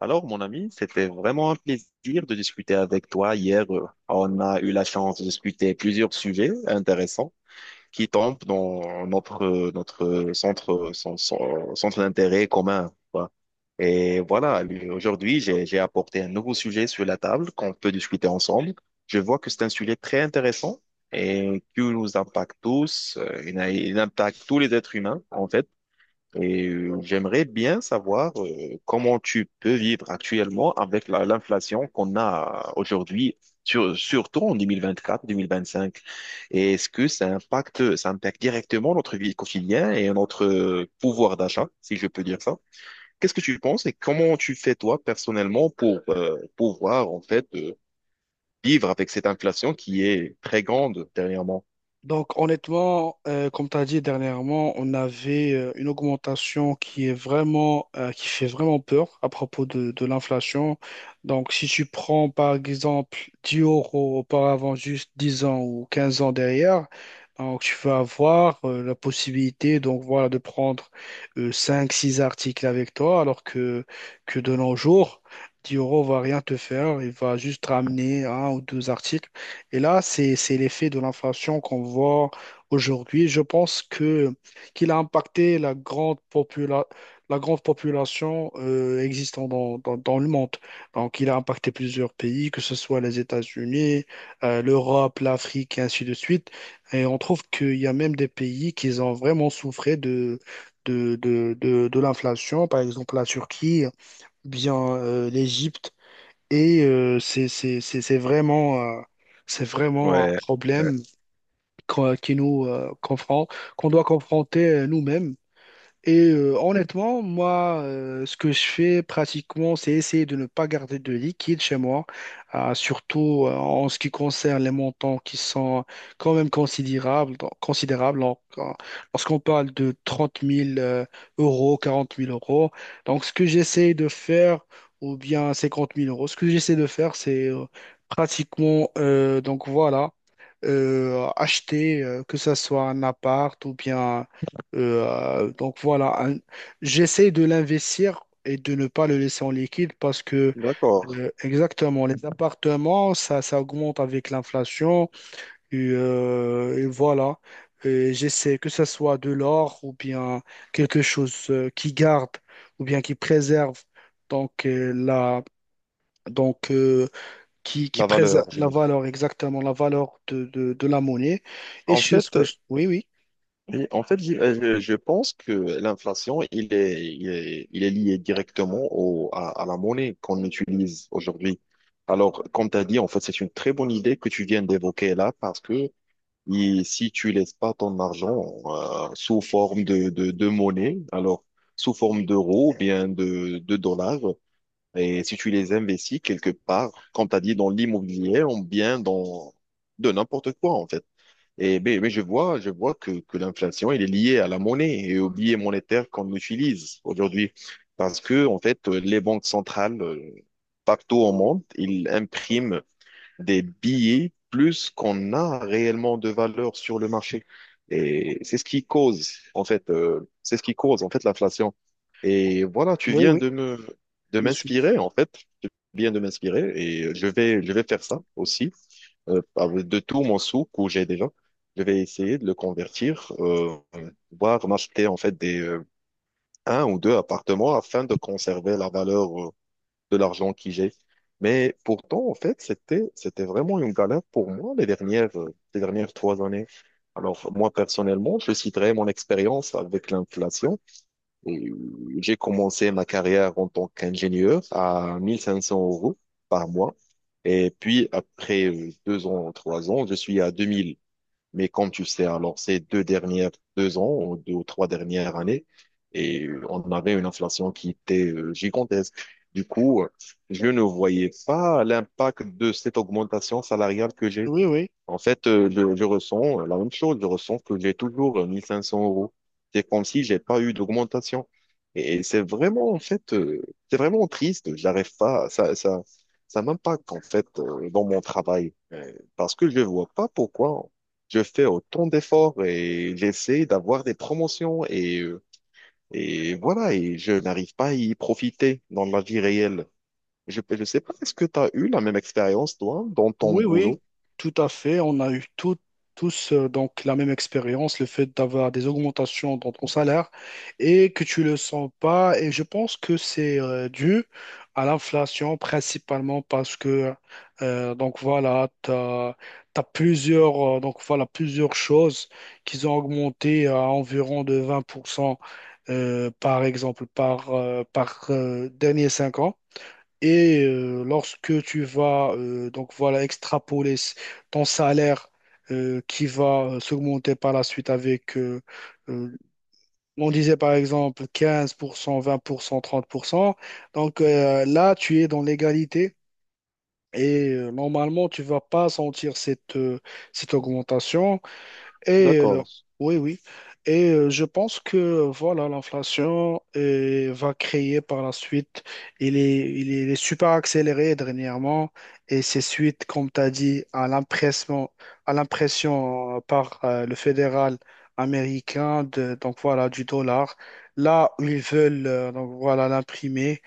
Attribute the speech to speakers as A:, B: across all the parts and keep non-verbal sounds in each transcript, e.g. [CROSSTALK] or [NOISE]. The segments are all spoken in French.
A: Alors, mon ami, c'était vraiment un plaisir de discuter avec toi hier. On a eu la chance de discuter plusieurs sujets intéressants qui tombent dans notre centre d'intérêt commun, quoi. Et voilà, lui, aujourd'hui, j'ai apporté un nouveau sujet sur la table qu'on peut discuter ensemble. Je vois que c'est un sujet très intéressant et qui nous impacte tous. Il impacte tous les êtres humains, en fait. Et j'aimerais bien savoir comment tu peux vivre actuellement avec l'inflation qu'on a aujourd'hui, surtout en deux mille vingt-quatre, 2025. Et est-ce que ça impacte directement notre vie quotidienne et notre pouvoir d'achat, si je peux dire ça? Qu'est-ce que tu penses et comment tu fais toi personnellement pour pouvoir en fait vivre avec cette inflation qui est très grande dernièrement?
B: Donc honnêtement, comme tu as dit dernièrement, on avait une augmentation qui est vraiment, qui fait vraiment peur à propos de l'inflation. Donc si tu prends par exemple 10 € auparavant, juste 10 ans ou 15 ans derrière, donc tu vas avoir la possibilité, donc voilà, de prendre cinq, six articles avec toi, alors que de nos jours, 10 € va rien te faire, il va juste ramener un ou deux articles. Et là, c'est l'effet de l'inflation qu'on voit aujourd'hui. Je pense que qu'il a impacté la grande population existant dans le monde. Donc, il a impacté plusieurs pays, que ce soit les États-Unis, l'Europe, l'Afrique, et ainsi de suite. Et on trouve qu'il y a même des pays qui ont vraiment souffert de l'inflation, par exemple la Turquie, bien l'Égypte. C'est vraiment, c'est vraiment un
A: Ouais, ouais.
B: problème qu'on qui nous confronte, qu'on doit confronter nous-mêmes. Honnêtement, moi, ce que je fais pratiquement, c'est essayer de ne pas garder de liquide chez moi, surtout en ce qui concerne les montants qui sont quand même considérables, considérables, lorsqu'on parle de 30 000 euros, 40 000 euros. Donc, ce que j'essaie de faire, ou bien 50 000 euros, ce que j'essaie de faire, c'est, pratiquement, donc voilà, acheter, que ce soit un appart ou bien, euh, donc voilà, un- j'essaie de l'investir et de ne pas le laisser en liquide, parce que,
A: D'accord.
B: exactement, les appartements, ça augmente avec l'inflation et voilà. Et j'essaie que ce soit de l'or ou bien quelque chose qui garde ou bien qui préserve, donc la donc qui
A: La
B: préserve
A: valeur,
B: la
A: j'aime.
B: valeur, exactement, la valeur de la monnaie, et je
A: En
B: suis
A: fait,
B: oui, oui,
A: oui, en fait, je pense que l'inflation, il est lié directement à la monnaie qu'on utilise aujourd'hui. Alors, comme tu as dit, en fait, c'est une très bonne idée que tu viens d'évoquer là parce que si tu laisses pas ton argent sous forme de monnaie, alors sous forme d'euros ou bien de dollars, et si tu les investis quelque part, comme tu as dit, dans l'immobilier ou bien dans de n'importe quoi, en fait. Mais je vois que l'inflation, elle est liée à la monnaie et au billet monétaire qu'on utilise aujourd'hui. Parce que, en fait, les banques centrales, partout au monde, ils impriment des billets plus qu'on a réellement de valeur sur le marché. Et c'est ce qui cause, en fait, l'inflation. Et voilà, tu
B: oui,
A: viens
B: oui,
A: de
B: je suis,
A: m'inspirer, en fait. Tu viens de m'inspirer et je vais faire ça aussi avec de tout mon souk que j'ai déjà. Je vais essayer de le convertir, voire m'acheter en fait des un ou deux appartements afin de conserver la valeur de l'argent que j'ai. Mais pourtant, en fait, c'était vraiment une galère pour moi les dernières 3 années. Alors moi personnellement, je citerai mon expérience avec l'inflation. Et j'ai commencé ma carrière en tant qu'ingénieur à 1500 euros par mois. Et puis, après 2 ans, 3 ans, je suis à 2000. Mais comme tu sais, alors 2 ou 3 dernières années, et on avait une inflation qui était gigantesque. Du coup, je ne voyais pas l'impact de cette augmentation salariale que j'ai.
B: oui, oui.
A: En fait, je ressens la même chose. Je ressens que j'ai toujours 1500 euros. C'est comme si j'ai pas eu d'augmentation. Et c'est vraiment, en fait, c'est vraiment triste. J'arrive pas, ça m'impacte, en fait, dans mon travail. Parce que je vois pas pourquoi je fais autant d'efforts et j'essaie d'avoir des promotions et voilà, et je n'arrive pas à y profiter dans la vie réelle. Je sais pas, est-ce que tu as eu la même expérience, toi, dans ton
B: Oui, oui,
A: boulot?
B: tout à fait. On a eu tous, donc, la même expérience, le fait d'avoir des augmentations dans ton salaire et que tu le sens pas. Et je pense que c'est dû à l'inflation, principalement parce que, donc voilà, t'as plusieurs donc voilà, plusieurs choses qui ont augmenté à environ de 20% par exemple par par derniers 5 ans. Lorsque tu vas, donc voilà, extrapoler ton salaire qui va s'augmenter par la suite, avec, euh, on disait par exemple 15%, 20%, 30%, donc là tu es dans l'égalité et normalement tu vas pas sentir cette augmentation. Et euh,
A: D'accord.
B: oui, oui. Je pense que voilà, l'inflation va créer par la suite. Il est super accéléré dernièrement. Et c'est suite, comme tu as dit, à l'impression par le fédéral américain de, donc voilà, du dollar. Là où ils veulent, donc voilà, l'imprimer.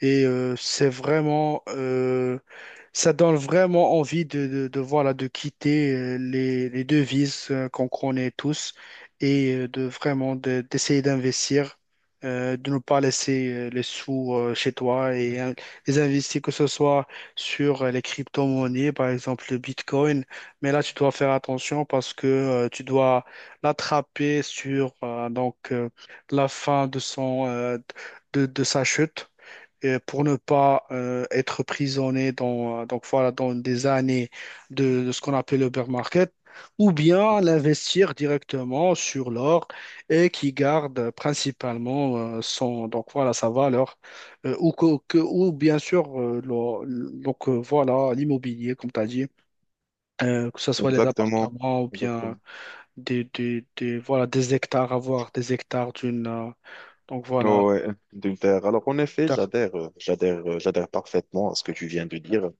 B: C'est vraiment. Ça donne vraiment envie voilà, de quitter les devises qu'on connaît tous, et de vraiment d'essayer d'investir, de ne pas laisser les sous chez toi, et les investir, que ce soit sur les crypto-monnaies, par exemple le Bitcoin. Mais là, tu dois faire attention parce que, tu dois l'attraper sur, la fin de son, de sa chute, pour ne pas, être prisonnier dans, donc voilà, dans des années de ce qu'on appelle le bear market, ou bien l'investir directement sur l'or et qui garde principalement, son, donc voilà, sa valeur, ou, ou bien sûr, donc voilà, l'immobilier, comme tu as dit, que ce soit les
A: Exactement,
B: appartements ou bien
A: exactement.
B: voilà, des hectares, avoir des hectares d'une, donc voilà,
A: Oh, ouais, d'Ulter. Alors en effet,
B: terre.
A: j'adhère parfaitement à ce que tu viens de dire.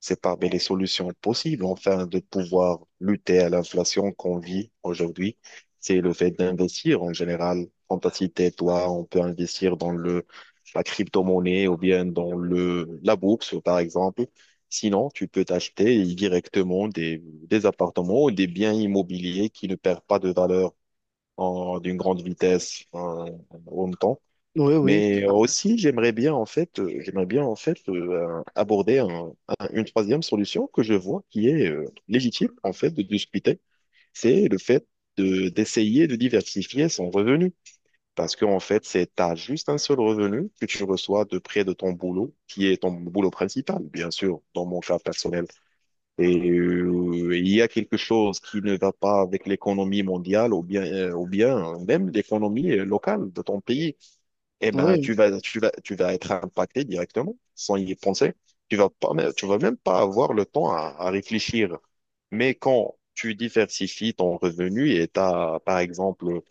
A: C'est parmi les solutions possibles, enfin, de pouvoir lutter à l'inflation qu'on vit aujourd'hui. C'est le fait d'investir en général. Quand t'as cité, toi, on peut investir dans la crypto-monnaie ou bien dans la bourse, par exemple. Sinon, tu peux t'acheter directement des appartements ou des biens immobiliers qui ne perdent pas de valeur d'une grande vitesse en même temps.
B: Oui, oui,
A: Mais aussi, j'aimerais bien en fait, aborder une troisième solution que je vois qui est légitime en fait de discuter. C'est le fait de d'essayer de diversifier son revenu. Parce qu'en fait, c'est t'as juste un seul revenu que tu reçois de près de ton boulot, qui est ton boulot principal, bien sûr, dans mon cas personnel. Et il y a quelque chose qui ne va pas avec l'économie mondiale ou bien même l'économie locale de ton pays. Eh ben, tu
B: oui,
A: vas tu vas tu vas être impacté directement sans y penser. Tu vas pas mais tu vas même pas avoir le temps à réfléchir. Mais quand tu diversifies ton revenu et t'as par exemple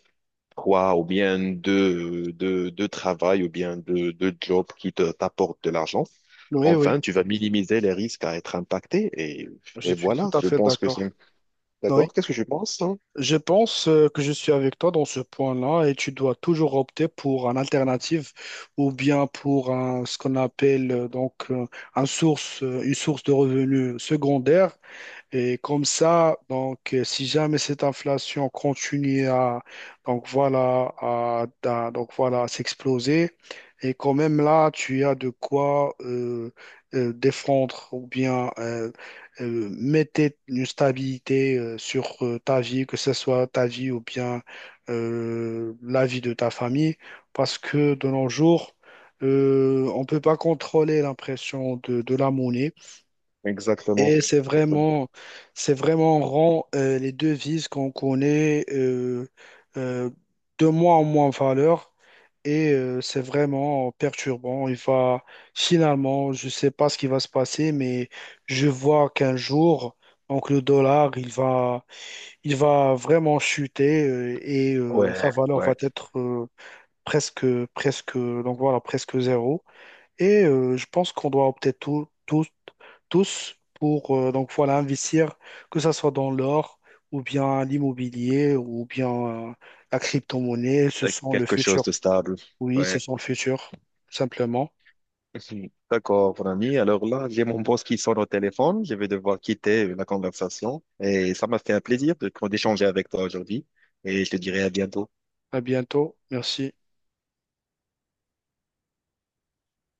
A: trois ou bien deux travails ou bien deux jobs qui t'apportent de l'argent.
B: oui, oui.
A: Enfin, tu vas minimiser les risques à être impacté et
B: Je suis tout
A: voilà,
B: à
A: je
B: fait
A: pense que c'est...
B: d'accord. Oui.
A: D'accord? Qu'est-ce que je pense, hein?
B: Je pense, que je suis avec toi dans ce point-là et tu dois toujours opter pour une alternative ou bien pour ce qu'on appelle, une source de revenus secondaire, et comme ça, donc, si jamais cette inflation continue donc voilà, à s'exploser, et quand même là, tu as de quoi, défendre ou bien, mettre une stabilité sur ta vie, que ce soit ta vie ou bien, la vie de ta famille, parce que de nos jours, on ne peut pas contrôler l'impression de la monnaie.
A: Exactement.
B: Et
A: Exactement.
B: c'est vraiment rend, les devises qu'on connaît, euh, de moins en moins en valeur. C'est vraiment perturbant. Il va, finalement, je ne sais pas ce qui va se passer, mais je vois qu'un jour, donc le dollar, il va vraiment chuter, et sa
A: Ouais,
B: valeur va
A: ouais.
B: être, presque, presque zéro. Je pense qu'on doit opter tous, tous, tous pour, donc voilà, investir, que ce soit dans l'or ou bien l'immobilier ou bien, euh, la crypto-monnaie. Ce sont le
A: Quelque chose
B: futur.
A: de stable.
B: Oui, ce
A: Ouais.
B: sont le futur, simplement.
A: [LAUGHS] D'accord, mon ami. Alors là, j'ai mon boss qui sonne au téléphone. Je vais devoir quitter la conversation et ça m'a fait un plaisir de d'échanger avec toi aujourd'hui et je te dirai à bientôt.
B: À bientôt. Merci.